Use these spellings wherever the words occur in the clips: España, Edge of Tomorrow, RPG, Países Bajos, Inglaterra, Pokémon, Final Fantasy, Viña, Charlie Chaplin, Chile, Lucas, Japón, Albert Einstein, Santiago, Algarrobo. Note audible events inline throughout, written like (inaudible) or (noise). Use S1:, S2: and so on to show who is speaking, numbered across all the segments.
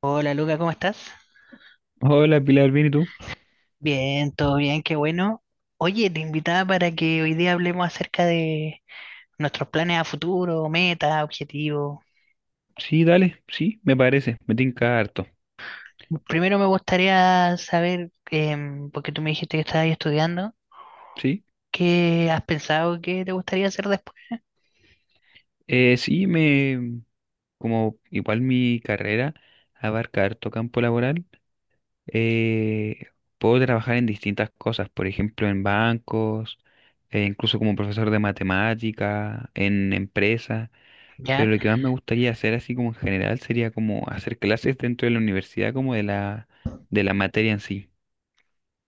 S1: Hola Luca, ¿cómo estás?
S2: Hola Pilar, ¿bien y tú?
S1: Bien, todo bien, qué bueno. Oye, te invitaba para que hoy día hablemos acerca de nuestros planes a futuro, metas, objetivos.
S2: Sí, dale, sí, me parece, me tinca harto,
S1: Primero me gustaría saber, porque tú me dijiste que estabas estudiando,
S2: sí.
S1: ¿qué has pensado que te gustaría hacer después?
S2: Eh, sí, me, como igual mi carrera abarca harto campo laboral, eh, puedo trabajar en distintas cosas, por ejemplo, en bancos, incluso como profesor de matemática, en empresas, pero
S1: ¿Ya?
S2: lo que más me gustaría hacer así como en general sería como hacer clases dentro de la universidad, de la materia en sí.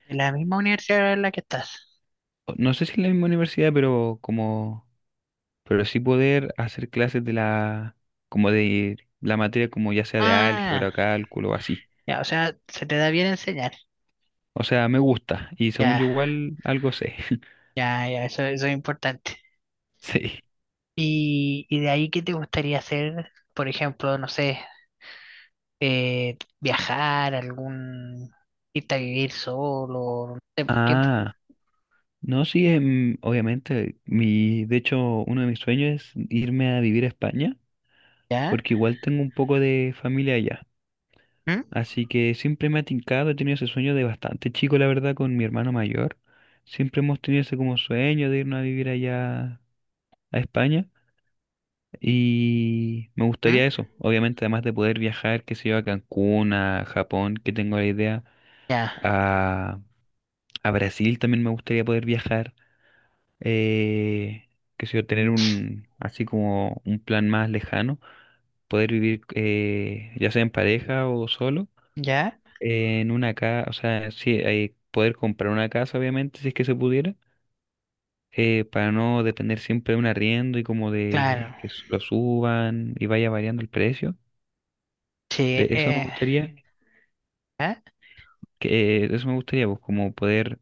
S1: ¿De la misma universidad en la que estás?
S2: No sé si en la misma universidad, pero sí poder hacer clases como de la materia como ya sea de
S1: Ah,
S2: álgebra, cálculo o así.
S1: ya, o sea, se te da bien enseñar.
S2: O sea, me gusta y según
S1: Ya,
S2: yo igual algo sé. (laughs)
S1: ya, ya, eso es importante.
S2: Sí.
S1: Y de ahí, ¿qué te gustaría hacer? Por ejemplo, no sé, viajar, algún irte a vivir solo, no sé, ¿por qué?
S2: Ah, no, sí, obviamente, de hecho, uno de mis sueños es irme a vivir a España,
S1: ¿Ya?
S2: porque igual tengo un poco de familia allá.
S1: ¿Mm?
S2: Así que siempre me ha tincado, he tenido ese sueño de bastante chico, la verdad, con mi hermano mayor. Siempre hemos tenido ese como sueño de irnos a vivir allá a España. Y me
S1: ¿Mm?
S2: gustaría eso, obviamente, además de poder viajar, que sé yo, a Cancún, a Japón, que tengo la idea,
S1: Ya,
S2: a, a Brasil también me gustaría poder viajar, eh, qué sé yo, así como un plan más lejano, poder vivir ya sea en pareja o solo,
S1: ya,
S2: en una casa, o sea, sí, poder comprar una casa, obviamente, si es que se pudiera, para no depender siempre de un arriendo y como
S1: claro.
S2: de que lo suban y vaya variando el precio. De
S1: Sí,
S2: eso me gustaría,
S1: ¿ya?
S2: que, de eso me gustaría, pues, como poder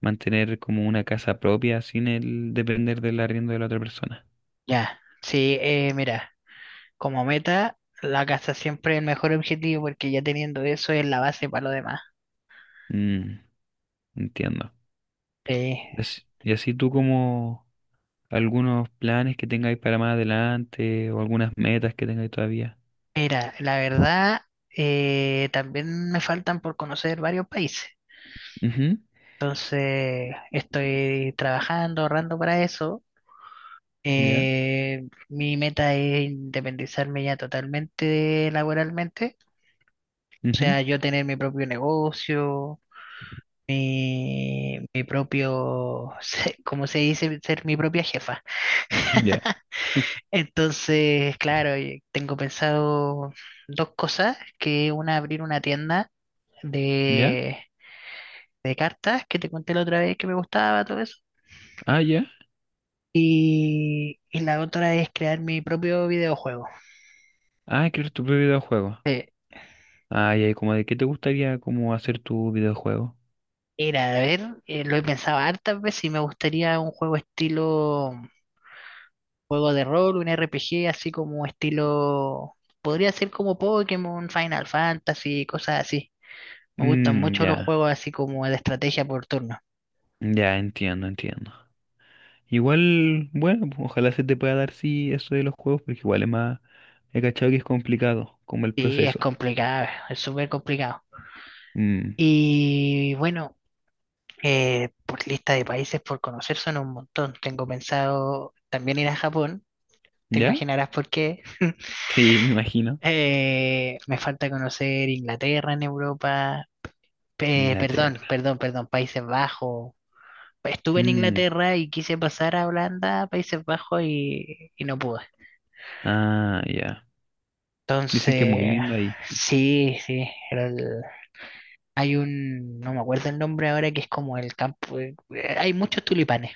S2: mantener como una casa propia sin el depender del arriendo de la otra persona.
S1: Ya. Sí, mira, como meta, la casa siempre es el mejor objetivo porque ya teniendo eso es la base para lo demás.
S2: Mm, entiendo.
S1: Eh,
S2: Y así tú como algunos planes que tengáis para más adelante o algunas metas que tengáis todavía.
S1: mira, la verdad, también me faltan por conocer varios países.
S2: Ujú.
S1: Entonces, estoy trabajando, ahorrando para eso.
S2: Ya,
S1: Mi meta es independizarme ya totalmente laboralmente, o
S2: ujú.
S1: sea, yo tener mi propio negocio, mi propio, (laughs) como se dice, ser mi propia jefa.
S2: Ya.
S1: (laughs)
S2: (laughs)
S1: Entonces, claro, y tengo pensado dos cosas, que una abrir una tienda
S2: ¿Ya?
S1: de, de cartas, que te conté la otra vez que me gustaba, todo eso,
S2: Ah, ya.
S1: y la otra es crear mi propio videojuego.
S2: Ah, quieres tu propio videojuego. Ah, ya. ¿Y como de qué te gustaría como hacer tu videojuego?
S1: Era, a ver, lo he pensado hartas veces y me gustaría un juego estilo juego de rol, un RPG, así como estilo. Podría ser como Pokémon, Final Fantasy, cosas así. Me gustan
S2: Mm,
S1: mucho los
S2: ya.
S1: juegos así como de estrategia por turno.
S2: Ya, entiendo, entiendo. Igual, bueno, pues, ojalá se te pueda dar sí eso de los juegos, porque igual es más, he cachado que es complicado, como el
S1: Sí, es
S2: proceso.
S1: complicado, es súper complicado.
S2: Mm.
S1: Y bueno, por lista de países por conocer son un montón. Tengo pensado también ir a Japón, te
S2: ¿Ya?
S1: imaginarás por qué. (laughs)
S2: Sí, me imagino.
S1: Me falta conocer Inglaterra en Europa. Perdón,
S2: Inglaterra.
S1: perdón, perdón, Países Bajos. Estuve en
S2: Mm,
S1: Inglaterra y quise pasar a Holanda, Países Bajos y no pude.
S2: ah, ya. Dicen que es muy
S1: Entonces,
S2: lindo ahí.
S1: sí, sí, hay un, no me acuerdo el nombre ahora, que es como el campo, hay muchos tulipanes,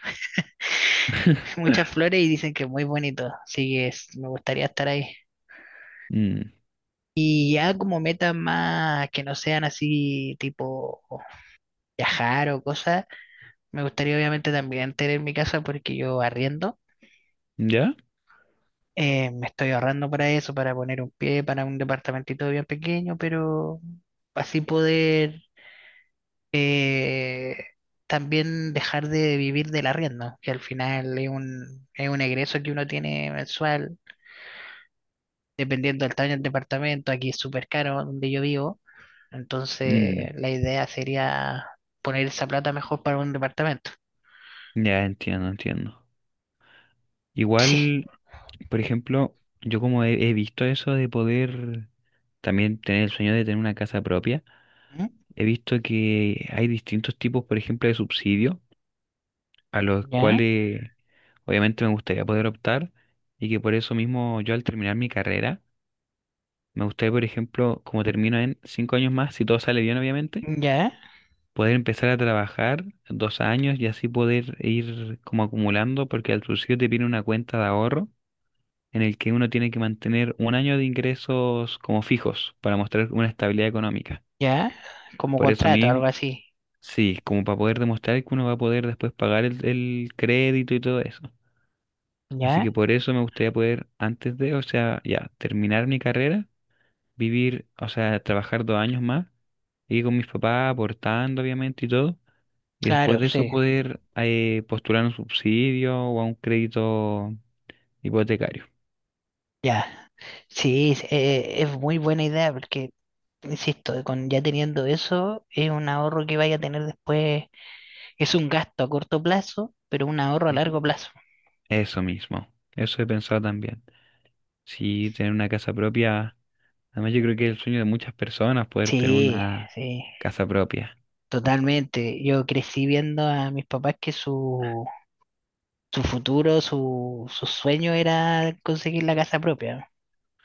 S1: (laughs)
S2: (laughs)
S1: muchas flores y dicen que es muy bonito, así que me gustaría estar ahí.
S2: Mm.
S1: Y ya como metas más que no sean así tipo viajar o cosas, me gustaría obviamente también tener mi casa porque yo arriendo.
S2: ¿Ya?
S1: Me estoy ahorrando para eso, para poner un pie para un departamentito bien pequeño, pero así poder también dejar de vivir de la rienda, que al final es un egreso que uno tiene mensual, dependiendo del tamaño del departamento, aquí es súper caro donde yo vivo, entonces
S2: Mm,
S1: la idea sería poner esa plata mejor para un departamento. (laughs)
S2: ya entiendo, entiendo.
S1: Sí.
S2: Igual, por ejemplo, he visto eso de poder también tener el sueño de tener una casa propia,
S1: ¿Mm?
S2: he visto que hay distintos tipos, por ejemplo, de subsidios a los
S1: Ya,
S2: cuales obviamente me gustaría poder optar y que por eso mismo yo al terminar mi carrera, me gustaría, por ejemplo, como termino en 5 años más, si todo sale bien obviamente,
S1: ya,
S2: poder empezar a trabajar 2 años y así poder ir como acumulando, porque al principio te viene una cuenta de ahorro en el que uno tiene que mantener 1 año de ingresos como fijos para mostrar una estabilidad económica.
S1: ya, como
S2: Por eso
S1: contrato, algo
S2: mismo,
S1: así.
S2: sí, como para poder demostrar que uno va a poder después pagar el crédito y todo eso. Así
S1: Ya,
S2: que por eso me gustaría poder, antes de, o sea, ya, terminar mi carrera, vivir, o sea, trabajar 2 años más, ir con mis papás, aportando obviamente y todo, y después
S1: claro,
S2: de eso
S1: sí.
S2: poder postular un subsidio o a un crédito hipotecario.
S1: Ya, sí, es muy buena idea porque, insisto, con ya teniendo eso, es un ahorro que vaya a tener después, es un gasto a corto plazo, pero un ahorro a
S2: Ujú.
S1: largo plazo.
S2: Eso mismo, eso he pensado también. Sí, tener una casa propia, además yo creo que es el sueño de muchas personas poder tener
S1: Sí,
S2: una
S1: sí,
S2: casa propia.
S1: totalmente. Yo crecí viendo a mis papás que su futuro, su sueño era conseguir la casa propia.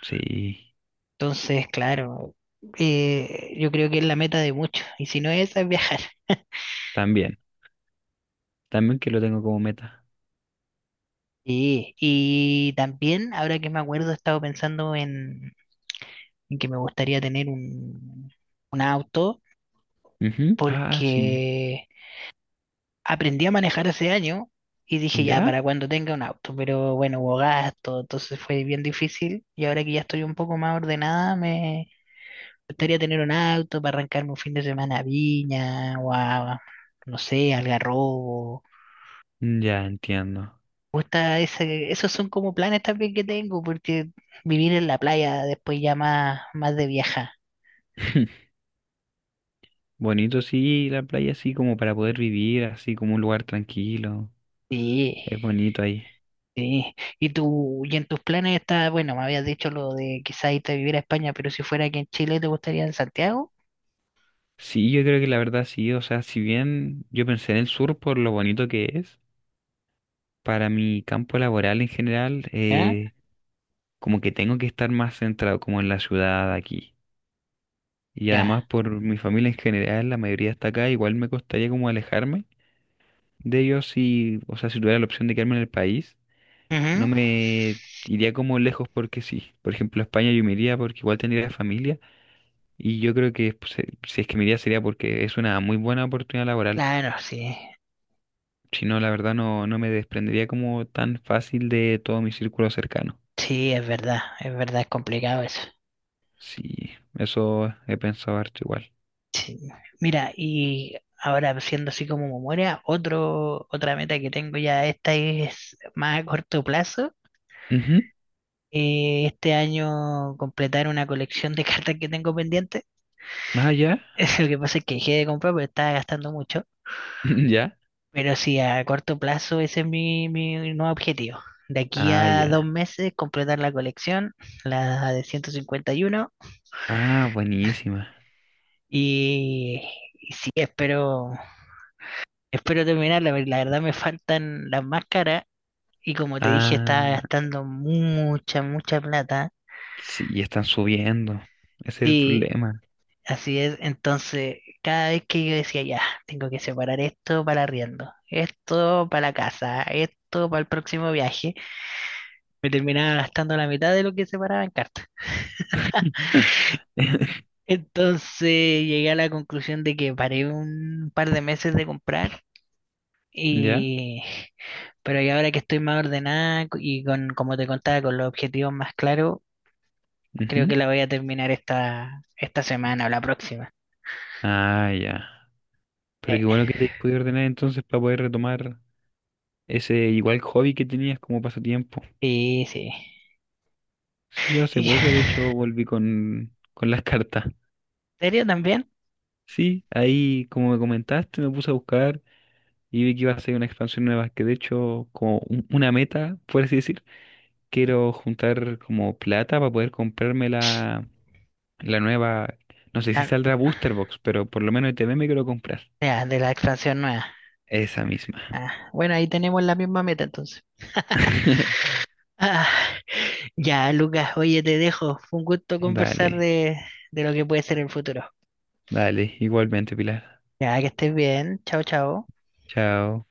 S2: Sí,
S1: Entonces, claro, yo creo que es la meta de muchos, y si no es esa, es viajar.
S2: también, también que lo tengo como meta.
S1: Sí, y también, ahora que me acuerdo, he estado pensando en que me gustaría tener un auto
S2: Ujú. Ah, sí,
S1: porque aprendí a manejar hace año y dije ya
S2: ¿ya?
S1: para cuando tenga un auto, pero bueno, hubo gasto, entonces fue bien difícil y ahora que ya estoy un poco más ordenada me gustaría tener un auto para arrancarme un fin de semana a Viña o a, no sé, Algarrobo.
S2: Mm, ya entiendo.
S1: Me gusta ese, esos son como planes también que tengo porque vivir en la playa después ya más, más de vieja.
S2: (laughs) Bonito, sí, la playa así como para poder vivir, así como un lugar tranquilo.
S1: Sí.
S2: Es bonito ahí.
S1: Sí, y tú, y en tus planes está, bueno, me habías dicho lo de quizás irte a vivir a España, pero si fuera aquí en Chile, ¿te gustaría en Santiago?
S2: Sí, yo creo que la verdad sí, o sea, si bien yo pensé en el sur por lo bonito que es, para mi campo laboral en general,
S1: ¿Ya?
S2: como que tengo que estar más centrado como en la ciudad aquí. Y además
S1: Ya.
S2: por mi familia en general, la mayoría está acá, igual me costaría como alejarme de ellos si, o sea, si tuviera la opción de quedarme en el país. No
S1: Ujú.
S2: me iría como lejos porque sí. Por ejemplo, a España yo me iría porque igual tendría familia y yo creo que pues, si es que me iría sería porque es una muy buena oportunidad laboral.
S1: Claro, sí,
S2: Si no, la verdad no, no me desprendería como tan fácil de todo mi círculo cercano.
S1: sí, es verdad, es verdad, es complicado eso.
S2: Sí, eso he pensado harto igual.
S1: Sí. Mira, y ahora siendo así como memoria, otro, otra meta que tengo ya, esta es más a corto plazo,
S2: Ujú.
S1: este año completar una colección de (laughs) cartas que tengo pendiente.
S2: Ah, ya.
S1: (laughs) Lo que pasa es que dejé de comprar, pero estaba gastando mucho.
S2: (laughs) Ya.
S1: Pero sí, a corto plazo ese es mi nuevo objetivo. De aquí
S2: Ah,
S1: a
S2: ya.
S1: dos meses completar la colección, la de 151.
S2: Ah, buenísima.
S1: Y, uno. Y sí, espero, espero terminarla, porque la verdad me faltan las máscaras. Y como te dije, estaba
S2: Ah,
S1: gastando mucha, mucha plata.
S2: sí, están subiendo. Ese es el
S1: Sí,
S2: problema.
S1: así es. Entonces, cada vez que yo decía, ya, tengo que separar esto para arriendo, esto para la casa, esto para el próximo viaje, me terminaba gastando la mitad de lo que separaba en cartas.
S2: (laughs)
S1: Entonces llegué a la conclusión de que paré un par de meses de comprar
S2: ¿Ya?
S1: y y ahora que estoy más ordenada y con como te contaba con los objetivos más claros, creo que
S2: Ujú.
S1: la voy a terminar esta semana o la próxima.
S2: Ah, ya. Pero
S1: Eh,
S2: qué bueno que te hayas podido ordenar entonces para poder retomar ese igual hobby que tenías como pasatiempo.
S1: sí, sí.
S2: Sí, yo hace
S1: (laughs)
S2: poco de hecho
S1: ¿En
S2: volví con las (laughs) cartas.
S1: serio también?
S2: Sí, ahí como me comentaste me puse a buscar y vi que iba a ser una expansión nueva, que de hecho como una meta, por así decir, quiero juntar como plata para poder comprarme la nueva, no sé si
S1: Ah,
S2: saldrá Booster Box, pero por lo menos ETB me quiero comprar.
S1: ya, de la expansión nueva.
S2: Esa misma.
S1: Ah, bueno, ahí tenemos la misma meta entonces.
S2: (laughs)
S1: Ah, ya, Lucas, oye, te dejo. Fue un gusto conversar
S2: Dale,
S1: de lo que puede ser el futuro.
S2: dale, igualmente Pilar.
S1: Ya, que estés bien. Chao, chao.
S2: Chao.